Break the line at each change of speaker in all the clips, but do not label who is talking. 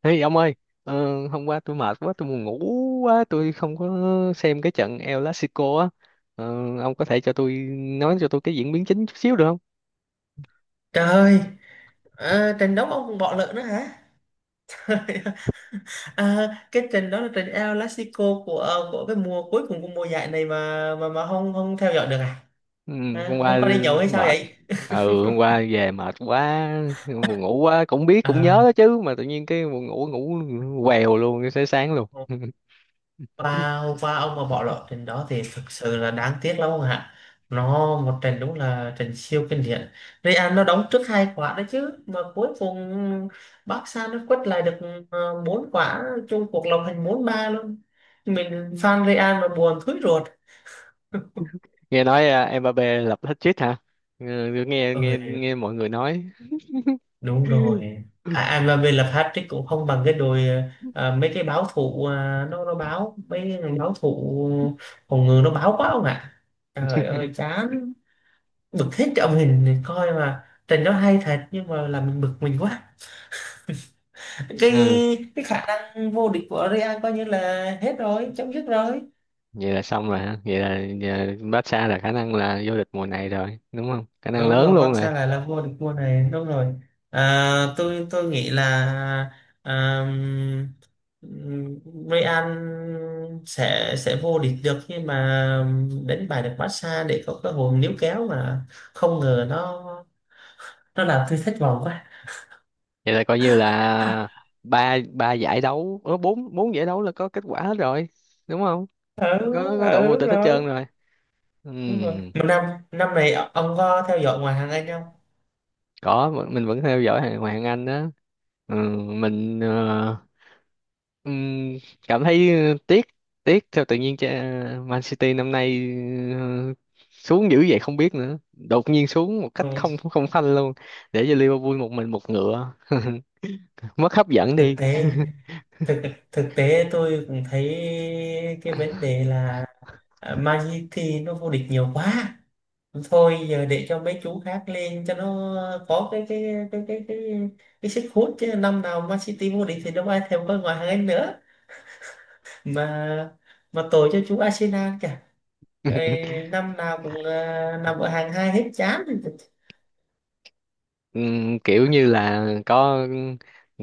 Ê ông ơi, hôm qua tôi mệt quá, tôi buồn ngủ quá, tôi không có xem cái trận El Clasico á. Ờ, ông có thể cho tôi cái diễn biến chính chút xíu được không?
Trời ơi, trận đấu ông còn bỏ lỡ nữa hả? Cái trận đó là trận El Clasico của của cái mùa cuối cùng của mùa giải này mà mà không không theo dõi được à?
Ừ, hôm
À không
qua
có đi nhậu hay sao
mệt.
vậy?
Ừ, hôm qua về mệt quá, buồn ngủ quá, cũng biết cũng nhớ
À,
đó chứ mà tự nhiên cái buồn ngủ ngủ quèo luôn, cái sáng sáng luôn.
và ông mà bỏ lỡ trận đó thì thực sự là đáng tiếc lắm ông ạ. Nó một trận đúng là trận siêu kinh điển. Real nó đóng trước hai quả đấy chứ mà cuối cùng Barca nó quất lại được bốn quả, chung cuộc lòng thành bốn ba luôn. Mình fan Real mà buồn thúi ruột.
Nghe nói à, Mbappé lập hat-trick hả. Ừ, nghe nghe
Ơi,
nghe mọi người nói.
đúng rồi. Mà về là Patrick cũng không bằng cái đội, mấy cái báo thủ à, nó báo mấy cái thằng báo thủ phòng ngự nó báo quá không ạ. Trời ơi chán, bực hết cái ông hình coi mà trận đó hay thật nhưng mà làm mình bực mình quá. cái
Ừ,
cái khả năng vô địch của Real coi như là hết rồi, chấm dứt rồi.
vậy là xong rồi hả? Vậy là Barca là khả năng là vô địch mùa này rồi đúng không, khả năng
Đúng
lớn
rồi,
luôn rồi.
Barca lại là vô địch mùa này, đúng rồi. À, tôi nghĩ là, à, Real sẽ vô địch được nhưng mà đánh bại được Barca để có cơ hội níu kéo mà không ngờ nó làm tôi thất vọng quá.
Vậy là coi như là ba ba giải đấu bốn bốn giải đấu là có kết quả hết rồi đúng không?
Ừ,
Có đội
ừ
vô
đúng
địch hết
rồi.
trơn rồi. Ừ,
Đúng rồi, mà năm năm này ông có theo dõi ngoại hạng Anh không?
mình vẫn theo dõi hàng Hoàng Anh đó. Ừ, mình ừm, cảm thấy tiếc tiếc theo tự nhiên cho Man City năm nay ờ, xuống dữ vậy không biết nữa, đột nhiên xuống một cách
Ừ.
không không phanh luôn, để cho Liverpool một mình một ngựa. Mất hấp dẫn
thực
đi.
tế thực Thực tế tôi cũng thấy cái vấn đề là, à, Man City nó vô địch nhiều quá, thôi giờ để cho mấy chú khác lên cho nó có cái cái cái, cái sức hút. Chứ năm nào Man City vô địch thì đâu ai thèm coi ngoại hạng Anh nữa. mà mà tội cho chú Arsenal kìa. Trời, năm nào cũng nằm ở hàng hai hết chán.
Kiểu như là có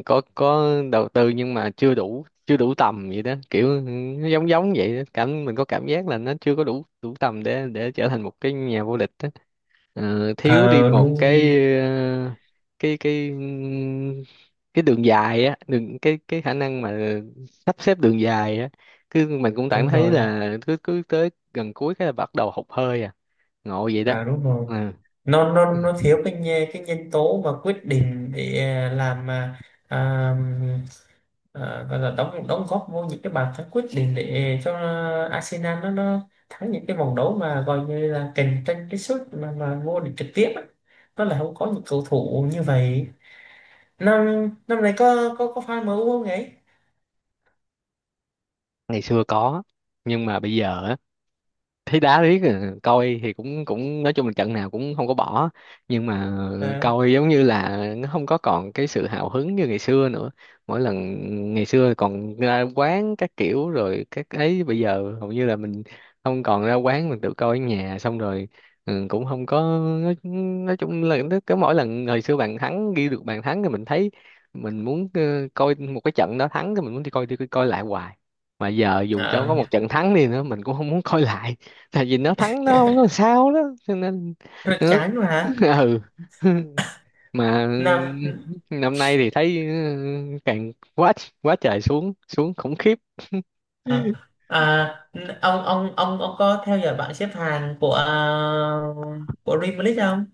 có có đầu tư nhưng mà chưa đủ tầm vậy đó, kiểu nó giống giống vậy đó. Cảm mình có cảm giác là nó chưa có đủ đủ tầm để trở thành một cái nhà vô địch đó. Thiếu đi
Ờ
một
đúng,
cái cái cái đường dài á, đường cái khả năng mà sắp xếp đường dài á. Cứ mình cũng cảm
đúng
thấy
rồi.
là cứ cứ tới gần cuối cái là bắt đầu hụt hơi à. Ngộ vậy đó.
À đúng rồi,
Ừ,
nó thiếu cái cái nhân tố mà quyết định để làm mà, à, gọi là đóng đóng góp vô những cái bàn thắng quyết định để cho Arsenal nó thắng những cái vòng đấu mà gọi như là cạnh tranh cái suất mà vô địch trực tiếp á. Nó là không có những cầu thủ như vậy. Năm năm nay có có fan MU không ấy?
ngày xưa có nhưng mà bây giờ á, thấy đá riết à, coi thì cũng cũng nói chung là trận nào cũng không có bỏ. Nhưng mà
à,
coi giống như là nó không có còn cái sự hào hứng như ngày xưa nữa. Mỗi lần ngày xưa còn ra quán các kiểu rồi các ấy, bây giờ hầu như là mình không còn ra quán, mình tự coi ở nhà xong rồi. Ừ, cũng không có nói, nói chung là nó cứ mỗi lần hồi xưa bạn thắng ghi được bàn thắng thì mình thấy mình muốn coi một cái trận đó thắng, thì mình muốn đi coi lại hoài. Mà giờ dù cho có
à,
một trận thắng đi nữa mình cũng không muốn coi lại, tại vì nó thắng nó không có sao đó, cho nên
Rất
nó.
chán mà hả?
Ừ. Mà
Năm,
năm nay thì thấy ừ, càng quá, quá trời, xuống xuống khủng khiếp.
Ờ, à, ông ông có theo dõi bảng xếp hạng của của Dreamlist không?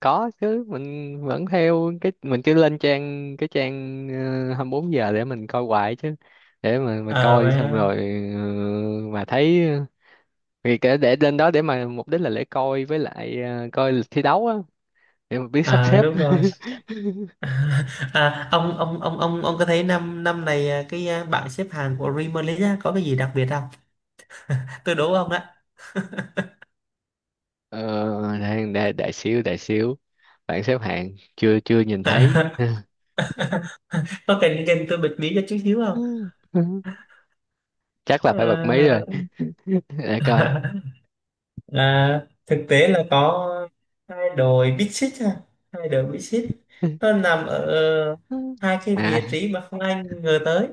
Có chứ, mình vẫn theo, cái mình cứ lên trang, cái trang 24 giờ để mình coi hoài chứ. Để mà mình
Ờ,
coi xong
mà-
rồi ờ, mà thấy vì cái để lên đó để mà mục đích là để coi với lại coi thi đấu á, để mà biết sắp xếp.
Đúng rồi. À, ông ông có thấy năm năm này bảng xếp hạng của Dreamlist á, có cái gì đặc biệt không? Tôi đố ông đó.
Ờ, đang đại xíu đại xíu, bảng xếp hạng chưa chưa nhìn thấy.
Có cần cần tôi bật mí cho chút xíu không?
Chắc là phải bật mí rồi.
Ờ,
Để coi
thực tế là có hai đội Big Six ha, hai đội Big Six, nó nằm ở hai cái
à.
vị trí mà không ai ngờ tới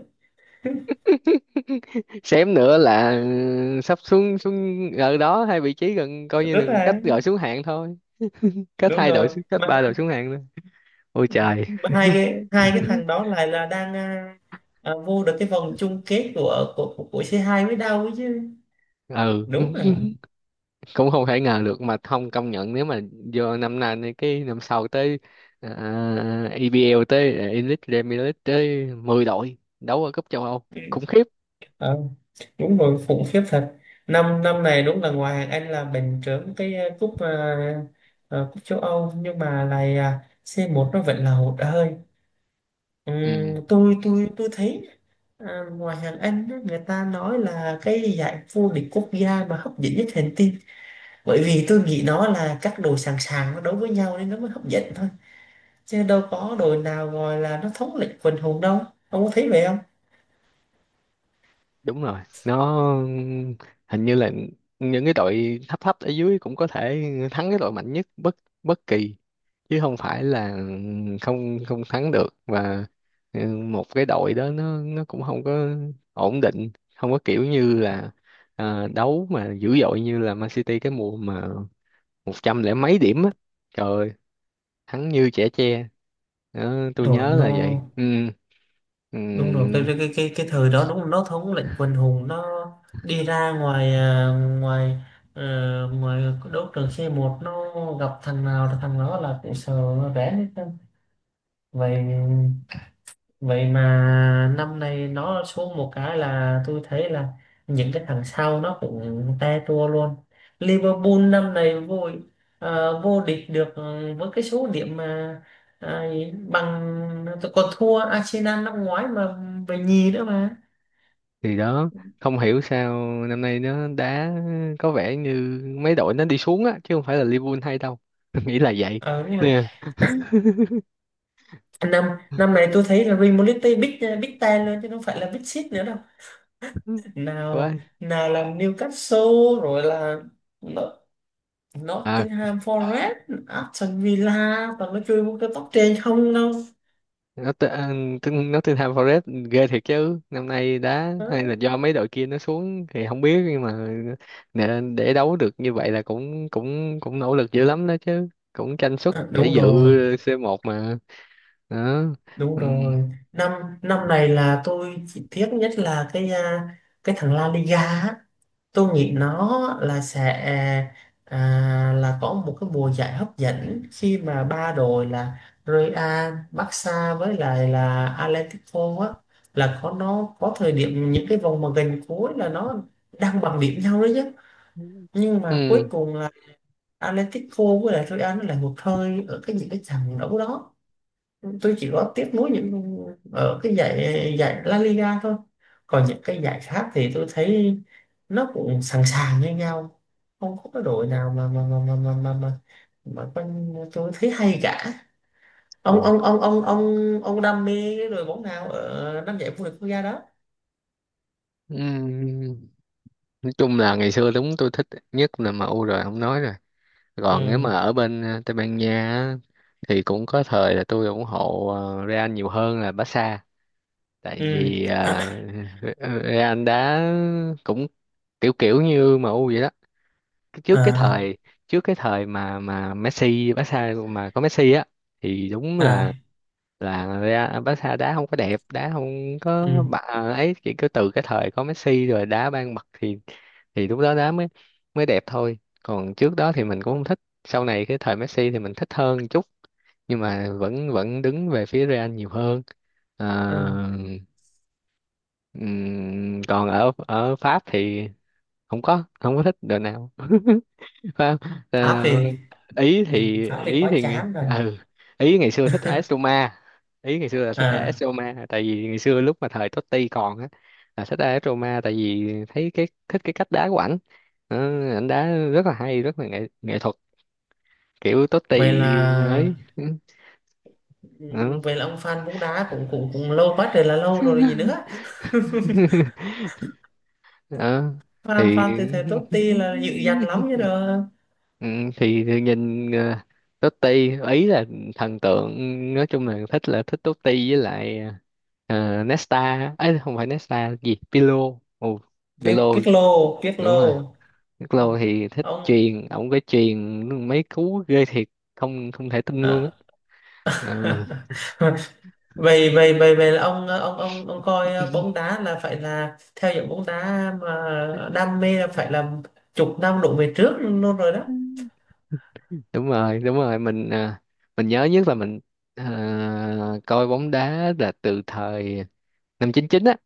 Xém nữa là ừ, sắp xuống xuống ở đó hai vị trí, gần coi như
rất
là cách
là.
gọi xuống hạng thôi. Cách
Đúng
hai đội
rồi,
xuống, cách
mà
ba
hai
đội xuống hạng thôi. Ôi trời.
mà hai cái hai cái thằng đó lại là đang vô được cái vòng chung kết của c hai mới đâu ấy chứ.
Ừ,
Đúng rồi.
cũng không thể ngờ được mà không công nhận, nếu mà vô năm nay này, cái năm sau tới à, EPL tới à, Elite Premier League tới 10 đội đấu ở cúp châu Âu.
Ừ.
Khủng khiếp.
Ờ, đúng rồi, khủng khiếp thật. Năm năm này đúng là ngoài hàng Anh là bình trưởng cái cúp châu Âu nhưng mà lại, c một nó vẫn là hụt hơi.
Ừ.
Ừm, tôi thấy ngoài hàng Anh á, người ta nói là cái giải vô địch quốc gia mà hấp dẫn nhất hành tinh, bởi vì tôi nghĩ nó là các đồ sàng sàng nó đấu với nhau nên nó mới hấp dẫn thôi, chứ đâu có đồ nào gọi là nó thống lĩnh quần hùng đâu. Ông có thấy vậy không?
Đúng rồi, nó hình như là những cái đội thấp thấp ở dưới cũng có thể thắng cái đội mạnh nhất bất bất kỳ, chứ không phải là không không thắng được. Và ừ, một cái đội đó nó cũng không có ổn định, không có kiểu như là à, đấu mà dữ dội như là Man City cái mùa mà 100 lẻ mấy điểm á. Trời ơi, thắng như chẻ tre đó, tôi
Rồi
nhớ là vậy.
nó
Ừ, ừ,
Đúng rồi, cái thời đó đúng là nó thống lĩnh quần hùng. Nó đi ra ngoài à, ngoài ờ, ngoài đấu trường c một, nó gặp thằng nào là thằng đó là cũng sợ nó rén hết trơn. Vậy Vậy mà năm nay nó xuống một cái là tôi thấy là những cái thằng sau nó cũng te tua luôn. Liverpool năm nay vô, vô địch được ừ, với cái số điểm mà à, bằng, còn thua Arsenal năm ngoái mà về nhì nữa mà.
thì đó không hiểu sao năm nay nó đá có vẻ như mấy đội nó đi xuống á, chứ không phải là Liverpool hay đâu. Nghĩ là vậy
Ờ nhưng mà
nè.
năm năm này tôi thấy là Real Madrid big big ten luôn chứ không phải là big six nữa đâu.
Quá.
Nào, nào là Newcastle rồi, là
À,
Nottingham Forest, Aston Villa, toàn nó chơi với cái top trên không đâu.
nó tên nó tên Nottingham Forest ghê thiệt chứ, năm nay đá hay là
Đó.
do mấy đội kia nó xuống thì không biết, nhưng mà nè, để đấu được như vậy là cũng cũng cũng nỗ lực dữ lắm đó chứ, cũng tranh suất
À,
để
đúng
dự
rồi,
C1 mà. Đó.
đúng
Ừ.
rồi. Năm năm này là tôi chỉ tiếc nhất là cái cái thằng La Liga á. Tôi nghĩ nó là sẽ là có một cái mùa giải hấp dẫn khi mà ba đội là Real, Barca với lại là Atletico á, là có nó có thời điểm những cái vòng mà gần cuối là nó đang bằng điểm nhau đấy chứ, nhưng mà cuối
Ừ.
cùng Atletico với lại Real nó là hụt hơi ở cái những cái trận đấu đó. Tôi chỉ có tiếp nối những ở cái giải giải La Liga thôi, còn những cái giải khác thì tôi thấy nó cũng sẵn sàng như nhau, không có cái đội nào mà con- tôi thấy hay cả. ông
Ủa.
ông ông ông ông ông đam mê cái đội bóng nào ở năm giải vô địch quốc gia đó?
Ừ, nói chung là ngày xưa đúng tôi thích nhất là em u rồi không nói rồi. Còn nếu mà
Ừ
ở bên Tây Ban Nha á, thì cũng có thời là tôi ủng hộ Real nhiều hơn là Barca, tại vì
ừ,
Real đá cũng kiểu kiểu như em u vậy đó. Cái- trước cái
à
thời trước cái thời mà Messi, Barca mà có Messi á, thì đúng là
à,
ra Barca đá không có đẹp, đá không có
ừ
bà ấy. Chỉ cứ từ cái thời có Messi rồi đá ban bật thì lúc đó đá mới mới đẹp thôi, còn trước đó thì mình cũng không thích, sau này cái thời Messi thì mình thích hơn một chút. Nhưng mà vẫn vẫn đứng về phía Real nhiều hơn. Ờ,
ừ,
còn ở ở Pháp thì không có thích đội nào. Phải không? Ờ,
Pháp thì, ừ, Pháp thì
ý
quá
thì ngày
chán rồi.
ừ, ý ngày xưa thích AS Roma. Ý ngày xưa là thích AS
À
Roma, tại vì ngày xưa lúc mà thời Totti còn á, là thích AS Roma tại vì thấy cái, thích cái cách đá của ảnh. Ờ, ảnh đá rất là hay, rất là nghệ nghệ thuật kiểu
vậy
Totti
là,
ấy. Ừ. Ờ.
vậy là ông fan bóng đá cũng cũng cũng lâu quá trời là lâu rồi gì nữa.
Ờ.
Fan
Thì.
Fan từ thời Totti là dữ dằn lắm chứ đâu.
Ừ, thì nhìn Totti ý là thần tượng. Nói chung là thích Totti với lại Nesta ấy. Không phải Nesta gì, Pirlo. Ồ, Pirlo.
Biết Pirlo,
Đúng rồi,
Pirlo. Ừ.
Pirlo thì thích
Ông
chuyền, ổng cái chuyền mấy cú ghê thiệt, không không thể tin luôn á.
à.
Ờ.
vậy vậy vậy vậy là ông ông coi bóng đá là phải là theo dõi bóng đá mà đam mê là phải là chục năm đổ về trước luôn rồi đó.
Ừ. Đúng rồi, đúng rồi, mình mình nhớ nhất là mình coi bóng đá là từ thời năm 99 á,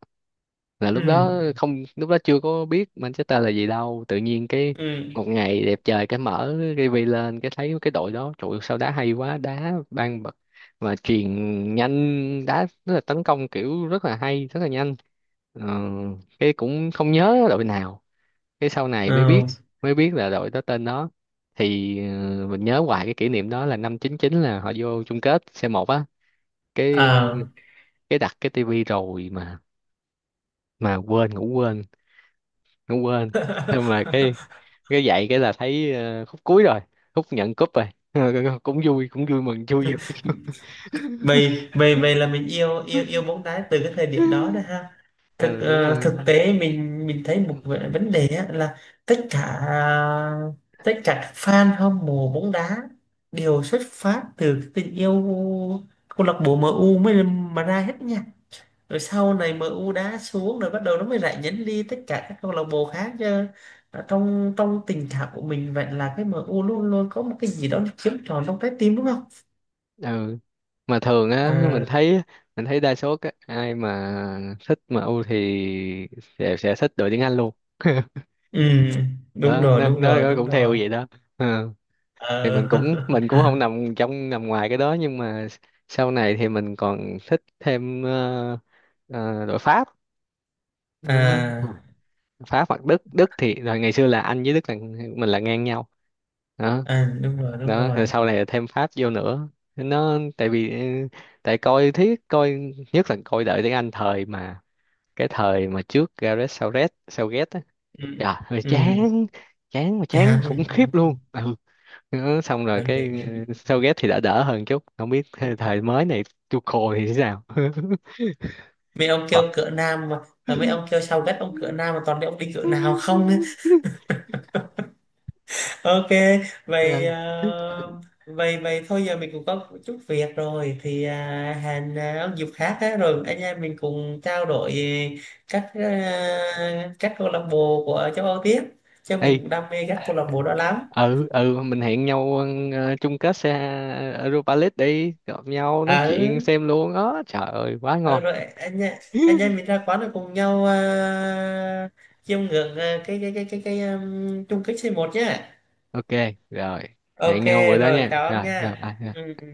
là
Ừ
lúc đó không lúc đó chưa có biết Manchester là gì đâu. Tự nhiên cái
ừ,
một ngày đẹp trời, cái mở tivi lên, cái thấy cái đội đó trời ơi, sao đá hay quá, đá ban bật mà truyền nhanh, đá rất là tấn công kiểu, rất là hay, rất là nhanh. Ờ, cái cũng không nhớ đội nào. Cái sau này
ừ,
mới biết là đội đó tên đó. Thì mình nhớ hoài cái kỷ niệm đó là năm 99 là họ vô chung kết c một á. cái
à.
cái đặt cái tivi rồi mà quên ngủ, quên không quên. Nhưng mà cái dạy cái là thấy khúc cuối rồi, khúc nhận cúp rồi. Cũng vui, cũng vui mừng, vui vui.
vậy vậy Vậy là mình yêu yêu yêu bóng đá từ cái thời điểm đó đó ha. Thực
Ừ, đúng rồi.
thực tế mình thấy một vấn đề á, là tất cả tất cả các fan hâm mộ bóng đá đều xuất phát từ cái tình yêu câu lạc bộ MU mới mà ra hết nha. Rồi sau này MU đá xuống rồi bắt đầu nó mới rải nhánh đi tất cả các câu lạc bộ khác chứ. Ở trong trong tình cảm của mình vậy là cái MU luôn luôn có một cái gì đó nó chiếm trọn trong trái tim, đúng không?
Ừ, mà thường á,
Ờ,
mình thấy đa số các ai mà thích MU thì sẽ thích đội tuyển Anh luôn.
ừ
Đó nó,
đúng rồi
nó
đúng
cũng theo
rồi.
vậy đó. Ừ. Thì
Ờ.
mình cũng không nằm trong nằm ngoài cái đó, nhưng mà sau này thì mình còn thích thêm đội Pháp. Đó.
À
Pháp hoặc Đức Đức thì rồi ngày xưa là Anh với Đức là mình là ngang nhau đó.
à, đúng rồi, đúng
Đó,
rồi.
rồi sau này là thêm Pháp vô nữa. Nó tại vì ừ, tại coi thiết coi nhất là coi đợi tiếng Anh thời mà cái thời mà trước Gareth Southgate Southgate á,
Ừ
trời ơi,
ừ,
chán, chán mà chán khủng
chán
khiếp
ông
luôn ừ. Đó, xong rồi
phải
cái
luyện nhiều.
ừ, Southgate thì đã đỡ hơn chút, không biết thời thời mới này Tuchel thì thế nào.
Mấy ông kêu cỡ nam mà, mấy ông kêu sao ghét ông cỡ nam mà toàn để ông đi cỡ nào không á. Ok, vậy
Vâng.
ờ, vậy vậy thôi giờ mình cũng có chút việc rồi thì hẹn ông dịp khác á, rồi anh em mình cùng trao đổi về các các câu lạc bộ của châu Âu tiếp, cho mình
Ê,
cũng đam mê các câu lạc bộ đó lắm.
ừ ừ mình hẹn nhau chung kết xe Europa League đi gặp nhau nói
À
chuyện
ừ,
xem luôn đó, trời ơi quá
Ờ,
ngon.
rồi anh em mình ra quán rồi cùng nhau chiêm ngưỡng cái chung kết c một nhá.
Ok, rồi hẹn
Ok,
nhau bữa đó
rồi.
nha,
Chào anh
rồi
nha.
rồi bye.
Ừ. Ừ.